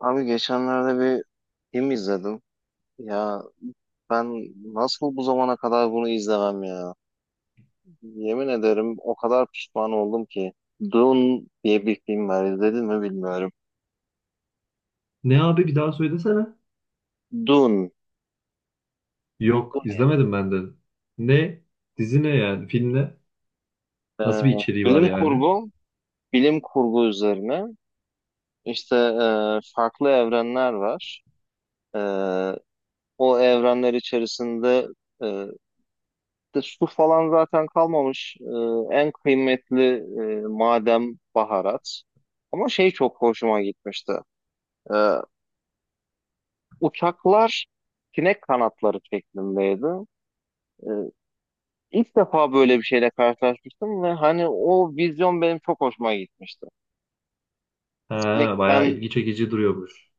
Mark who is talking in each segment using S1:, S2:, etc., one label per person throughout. S1: Abi geçenlerde bir film izledim. Ya ben nasıl bu zamana kadar bunu izlemem ya? Yemin ederim o kadar pişman oldum ki. Dune diye bir film var. İzledin mi bilmiyorum.
S2: Ne abi bir daha söylesene.
S1: Dune. Bu
S2: Yok
S1: ne?
S2: izlemedim ben de. Ne? Dizi ne yani? Film ne?
S1: Ee,
S2: Nasıl bir içeriği var
S1: Bilim
S2: yani?
S1: kurgu. Bilim kurgu üzerine. İşte farklı evrenler var. Ee, O evrenler içerisinde e, de, su falan zaten kalmamış. En kıymetli madem baharat. Ama şey çok hoşuma gitmişti. Ee, Uçaklar sinek kanatları şeklindeydi. Ee, ilk defa böyle bir şeyle karşılaşmıştım ve hani o vizyon benim çok hoşuma gitmişti.
S2: Ha,
S1: Sinekten,
S2: bayağı ilgi çekici duruyormuş.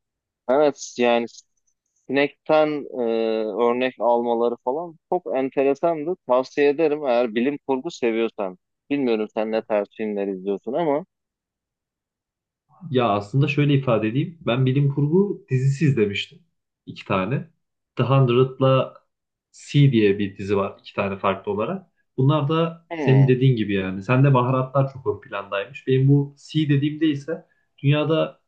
S1: evet yani sinekten e, örnek almaları falan çok enteresandı. Tavsiye ederim eğer bilim kurgu seviyorsan. Bilmiyorum sen ne tarz filmler izliyorsun ama.
S2: Ya aslında şöyle ifade edeyim. Ben bilim kurgu dizisi izlemiştim. İki tane. The Hundred'la C diye bir dizi var. İki tane farklı olarak. Bunlar da senin
S1: Hmm.
S2: dediğin gibi yani. Sende baharatlar çok ön plandaymış. Benim bu C dediğimde ise dünyada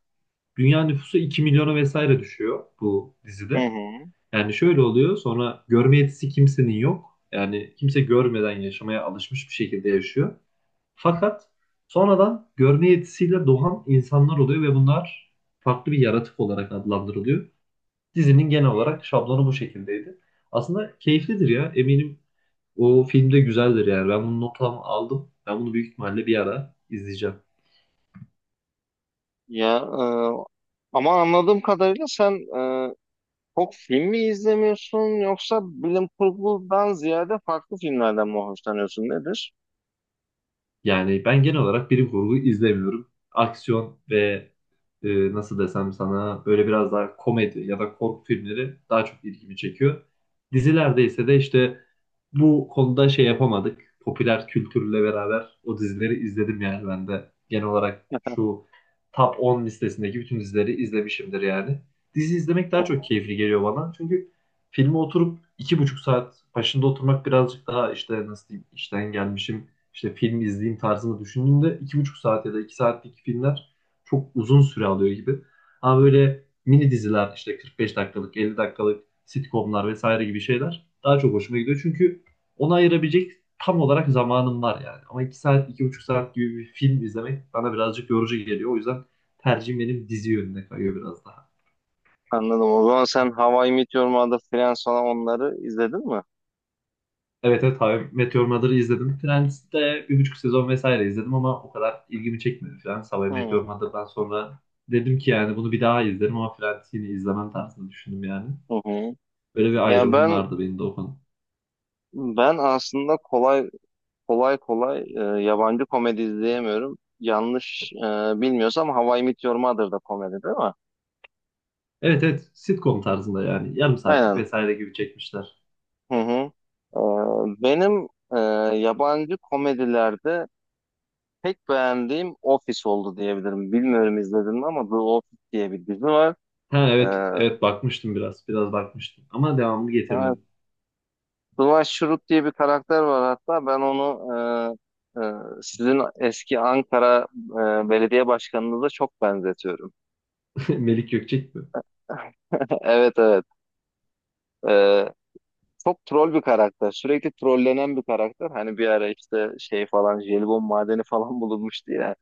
S2: dünya nüfusu 2 milyona vesaire düşüyor bu
S1: Hı
S2: dizide.
S1: hı.
S2: Yani şöyle oluyor sonra görme yetisi kimsenin yok. Yani kimse görmeden yaşamaya alışmış bir şekilde yaşıyor. Fakat sonradan görme yetisiyle doğan insanlar oluyor ve bunlar farklı bir yaratık olarak adlandırılıyor. Dizinin genel olarak şablonu bu şekildeydi. Aslında keyiflidir ya eminim o filmde güzeldir yani ben bunu notamı aldım. Ben bunu büyük ihtimalle bir ara izleyeceğim.
S1: Ya ama anladığım kadarıyla sen çok film mi izlemiyorsun yoksa bilim kurgudan ziyade farklı filmlerden mi hoşlanıyorsun nedir?
S2: Yani ben genel olarak bilim kurgu izlemiyorum. Aksiyon ve nasıl desem sana böyle biraz daha komedi ya da korku filmleri daha çok ilgimi çekiyor. Dizilerde ise de işte bu konuda şey yapamadık. Popüler kültürle beraber o dizileri izledim yani ben de. Genel olarak şu top 10 listesindeki bütün dizileri izlemişimdir yani. Dizi izlemek daha çok keyifli geliyor bana. Çünkü filme oturup iki buçuk saat başında oturmak birazcık daha işte nasıl diyeyim işten gelmişim işte film izleyeyim tarzında düşündüğümde iki buçuk saat ya da iki saatlik filmler çok uzun süre alıyor gibi. Ama böyle mini diziler işte 45 dakikalık, 50 dakikalık sitcomlar vesaire gibi şeyler daha çok hoşuma gidiyor. Çünkü ona ayırabilecek tam olarak zamanım var yani. Ama iki saat, iki buçuk saat gibi bir film izlemek bana birazcık yorucu geliyor. O yüzden tercihim benim dizi yönüne kayıyor biraz daha.
S1: Anladım. O zaman sen How I Met Your Mother, Friends falan onları izledin mi?
S2: Evet evet, How I Met Your Mother'ı izledim. Friends'te bir buçuk sezon vesaire izledim ama o kadar ilgimi çekmedi Friends. How I
S1: Hı
S2: Met Your
S1: hı.
S2: Mother'dan sonra dedim ki yani bunu bir daha izlerim ama Friends'i yine izlemem tarzında düşündüm yani.
S1: Hı.
S2: Böyle bir
S1: Ya
S2: ayrımım
S1: ben
S2: vardı benim de o konu.
S1: ben aslında kolay kolay yabancı komedi izleyemiyorum. Yanlış bilmiyorsam How I Met Your Mother da komedi değil mi?
S2: Evet evet, sitcom tarzında yani yarım saatlik
S1: Aynen.
S2: vesaire gibi çekmişler.
S1: Hı hı. Benim yabancı komedilerde pek beğendiğim Office oldu diyebilirim. Bilmiyorum izledin mi ama The Office diye bir dizi var.
S2: Ha evet
S1: Ee,
S2: evet, bakmıştım biraz bakmıştım ama devamını
S1: evet,
S2: getirmedim.
S1: Dwight Schrute diye bir karakter var hatta. Ben onu e, e, sizin eski Ankara belediye başkanınıza çok benzetiyorum.
S2: Melik Gökçek mi?
S1: Evet evet. Ee, Çok troll bir karakter. Sürekli trollenen bir karakter. Hani bir ara işte şey falan jelibon madeni falan bulunmuştu ya.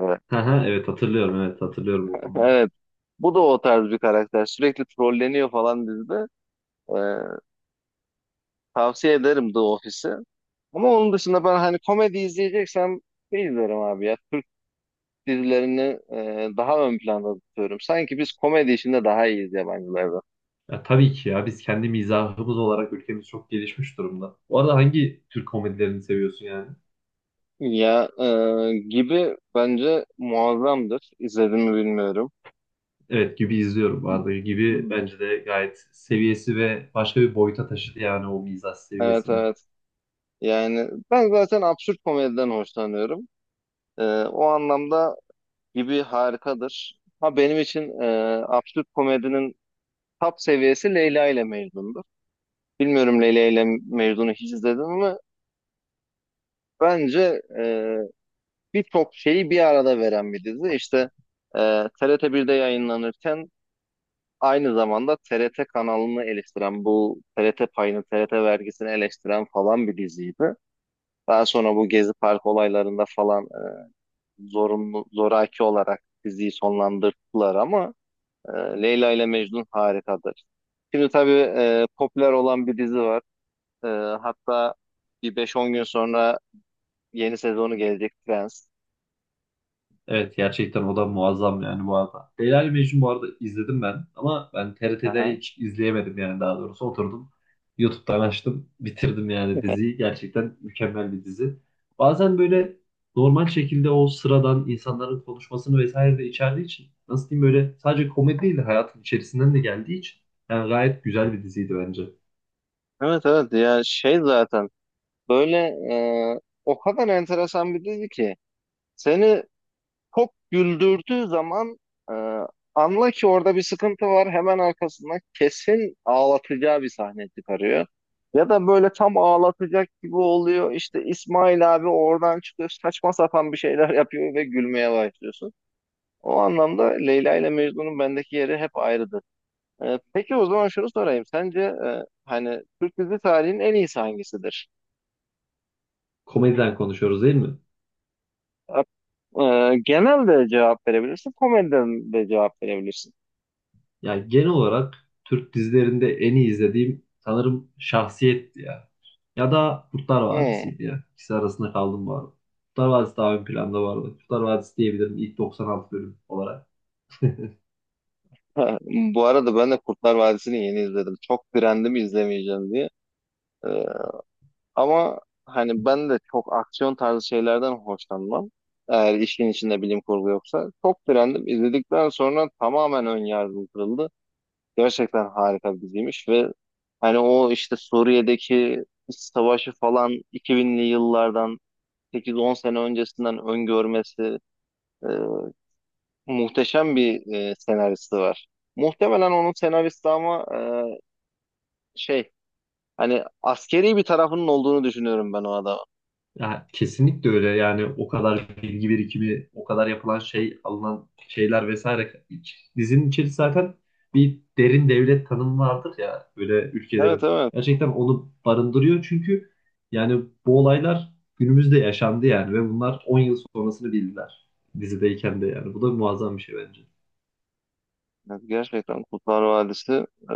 S1: Ee,
S2: Ha ha, evet hatırlıyorum, evet hatırlıyorum o konuları.
S1: Evet. Bu da o tarz bir karakter. Sürekli trolleniyor falan dizide. Ee, Tavsiye ederim The Office'i. Ama onun dışında ben hani komedi izleyeceksem ne izlerim abi ya? Dizilerini daha ön planda tutuyorum. Sanki biz komedi işinde daha iyiyiz yabancılardan.
S2: Ya tabii ki ya, biz kendi mizahımız olarak ülkemiz çok gelişmiş durumda. Bu arada hangi Türk komedilerini seviyorsun yani?
S1: Ya gibi bence muazzamdır. İzlediğimi bilmiyorum.
S2: Evet, gibi izliyorum. Bu arada gibi bence de gayet seviyesi ve başka bir boyuta taşıdı yani o mizah
S1: Evet
S2: seviyesini.
S1: evet. Yani ben zaten absürt komediden hoşlanıyorum. O anlamda gibi harikadır. Ha benim için absürt komedinin top seviyesi Leyla ile Mecnun'dur. Bilmiyorum Leyla ile Mecnun'u hiç izledim ama bence birçok şeyi bir arada veren bir dizi. İşte e, TRT1'de yayınlanırken aynı zamanda TRT kanalını eleştiren, bu TRT payını, TRT vergisini eleştiren falan bir diziydi. Daha sonra bu Gezi Park olaylarında falan zorunlu, zoraki olarak diziyi sonlandırdılar ama Leyla ile Mecnun harikadır. Şimdi tabii popüler olan bir dizi var. E, Hatta bir 5-10 gün sonra yeni sezonu gelecek Friends.
S2: Evet gerçekten o da muazzam yani bu arada. Leyla ile Mecnun bu arada izledim ben ama ben TRT'de
S1: Aha.
S2: hiç izleyemedim yani daha doğrusu oturdum. YouTube'dan açtım bitirdim yani diziyi. Gerçekten mükemmel bir dizi. Bazen böyle normal şekilde o sıradan insanların konuşmasını vesaire de içerdiği için nasıl diyeyim böyle sadece komedi değil de hayatın içerisinden de geldiği için yani gayet güzel bir diziydi bence.
S1: Evet evet ya şey zaten böyle e, o kadar enteresan bir dizi ki seni çok güldürdüğü zaman e, anla ki orada bir sıkıntı var. Hemen arkasından kesin ağlatacağı bir sahne çıkarıyor. Ya da böyle tam ağlatacak gibi oluyor. İşte İsmail abi oradan çıkıyor. Saçma sapan bir şeyler yapıyor ve gülmeye başlıyorsun. O anlamda Leyla ile Mecnun'un bendeki yeri hep ayrıdır. Peki o zaman şunu sorayım. Sence hani Türk dizi tarihinin en iyisi hangisidir?
S2: Komediden konuşuyoruz değil mi?
S1: E, Genel de cevap verebilirsin. Komediden de cevap verebilirsin.
S2: Yani genel olarak Türk dizilerinde en iyi izlediğim sanırım Şahsiyet'ti ya. Ya da Kurtlar
S1: Hmm.
S2: Vadisi'ydi ya. İkisi arasında kaldım bu arada. Kurtlar Vadisi daha ön planda vardı. Kurtlar Vadisi diyebilirim ilk 96 bölüm olarak.
S1: Ha, bu arada ben de Kurtlar Vadisi'ni yeni izledim. Çok direndim izlemeyeceğim diye. Ee, Ama hani ben de çok aksiyon tarzı şeylerden hoşlanmam. Eğer işin içinde bilim kurgu yoksa. Çok direndim. İzledikten sonra tamamen ön yargım kırıldı. Gerçekten harika bir diziymiş ve hani o işte Suriye'deki iç savaşı falan 2000'li yıllardan 8-10 sene öncesinden öngörmesi, e, muhteşem bir senaristi var. Muhtemelen onun senaristi ama şey hani askeri bir tarafının olduğunu düşünüyorum ben o adamın.
S2: Ya, kesinlikle öyle yani o kadar bilgi birikimi, o kadar yapılan şey, alınan şeyler vesaire. İç- Dizinin içeri zaten bir derin devlet tanımı vardır ya böyle
S1: Evet
S2: ülkelerin.
S1: evet.
S2: Gerçekten onu barındırıyor çünkü yani bu olaylar günümüzde yaşandı yani ve bunlar 10 yıl sonrasını bildiler dizideyken de yani. Bu da muazzam bir şey bence.
S1: Evet, gerçekten Kurtlar Vadisi e,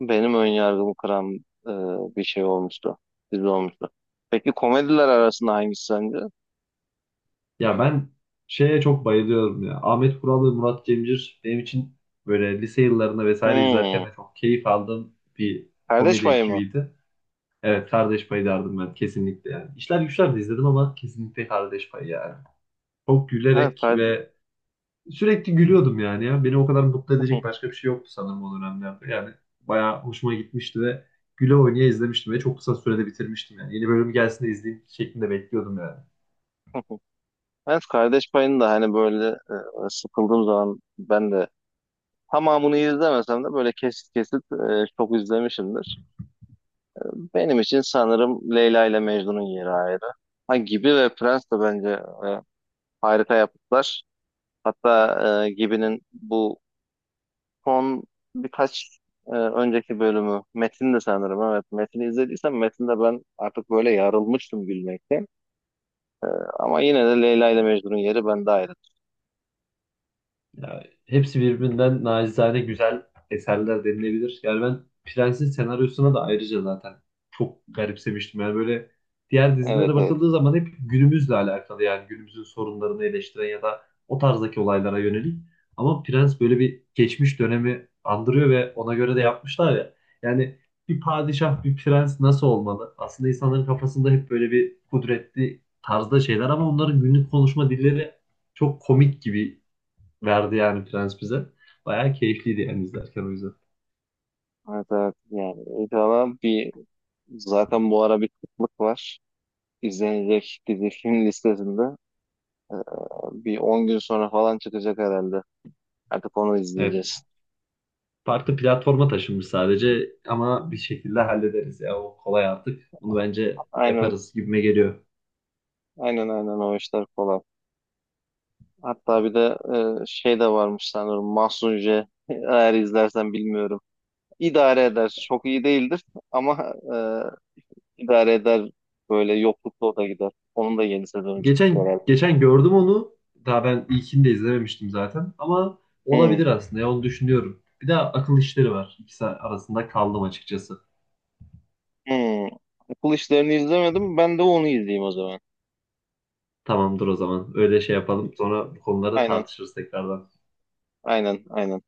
S1: benim ön yargımı kıran e, bir şey olmuştu. Dizi olmuştu. Peki komediler arasında hangisi sence?
S2: Ya ben şeye çok bayılıyorum ya. Ahmet Kural ve Murat Cemcir benim için böyle lise yıllarında vesaire izlerken
S1: Hmm.
S2: de çok keyif aldığım bir
S1: Kardeş
S2: komedi
S1: Payı mı?
S2: ekibiydi. Evet, Kardeş Payı derdim ben kesinlikle yani. İşler Güçler de izledim ama kesinlikle Kardeş Payı yani. Çok
S1: Evet,
S2: gülerek
S1: kardeş.
S2: ve sürekli gülüyordum yani ya. Beni o kadar mutlu edecek başka bir şey yoktu sanırım o dönemlerde. Yani bayağı hoşuma gitmişti ve güle oynaya izlemiştim ve çok kısa sürede bitirmiştim yani. Yeni bölüm gelsin de izleyeyim şeklinde bekliyordum yani.
S1: Evet, Kardeş Payı'nı da hani böyle sıkıldığım zaman ben de tamamını izlemesem de böyle kesit kesit çok izlemişimdir. Benim için sanırım Leyla ile Mecnun'un yeri ayrı. Ha, Gibi ve Prens de bence e, harika yapıtlar. Hatta Gibi'nin bu son birkaç önceki bölümü Metin de sanırım evet. Metin'i izlediysem Metin'de ben artık böyle yarılmıştım gülmekten. Ama yine de Leyla ile Mecnun'un yeri bende ayrı.
S2: Ya, hepsi birbirinden nacizane güzel eserler denilebilir. Yani ben Prens'in senaryosuna da ayrıca zaten çok garipsemiştim. Yani böyle diğer
S1: Evet
S2: dizilere
S1: evet.
S2: bakıldığı zaman hep günümüzle alakalı yani günümüzün sorunlarını eleştiren ya da o tarzdaki olaylara yönelik. Ama Prens böyle bir geçmiş dönemi andırıyor ve ona göre de yapmışlar ya. Yani bir padişah, bir prens nasıl olmalı? Aslında insanların kafasında hep böyle bir kudretli tarzda şeyler ama onların günlük konuşma dilleri çok komik gibi verdi yani Prens bize. Bayağı keyifliydi yani izlerken o yüzden.
S1: Evet evet. Yani inşallah bir, zaten bu ara bir kıtlık var. İzlenecek dizi film listesinde. E, Bir 10 gün sonra falan çıkacak herhalde. Artık onu
S2: Evet.
S1: izleyeceğiz.
S2: Farklı platforma taşınmış sadece ama bir şekilde hallederiz ya. O kolay artık. Bunu bence
S1: Aynen,
S2: yaparız gibime geliyor.
S1: aynen, aynen o işler falan. Hatta bir de şey de varmış sanırım Mahsun J. Eğer izlersen bilmiyorum. İdare eder. Çok iyi değildir ama idare eder. Böyle yoklukta o da gider. Onun da yeni sezonu çıktı
S2: Geçen
S1: herhalde.
S2: geçen gördüm onu. Daha ben ilkini de izlememiştim zaten. Ama
S1: Hmm,
S2: olabilir aslında. Ya, onu düşünüyorum. Bir de akıl işleri var. İkisi arasında kaldım açıkçası.
S1: hmm. Okul işlerini izlemedim. Ben de onu izleyeyim o zaman.
S2: Tamamdır o zaman. Öyle şey yapalım. Sonra bu konuları
S1: Aynen,
S2: tartışırız tekrardan.
S1: aynen, aynen.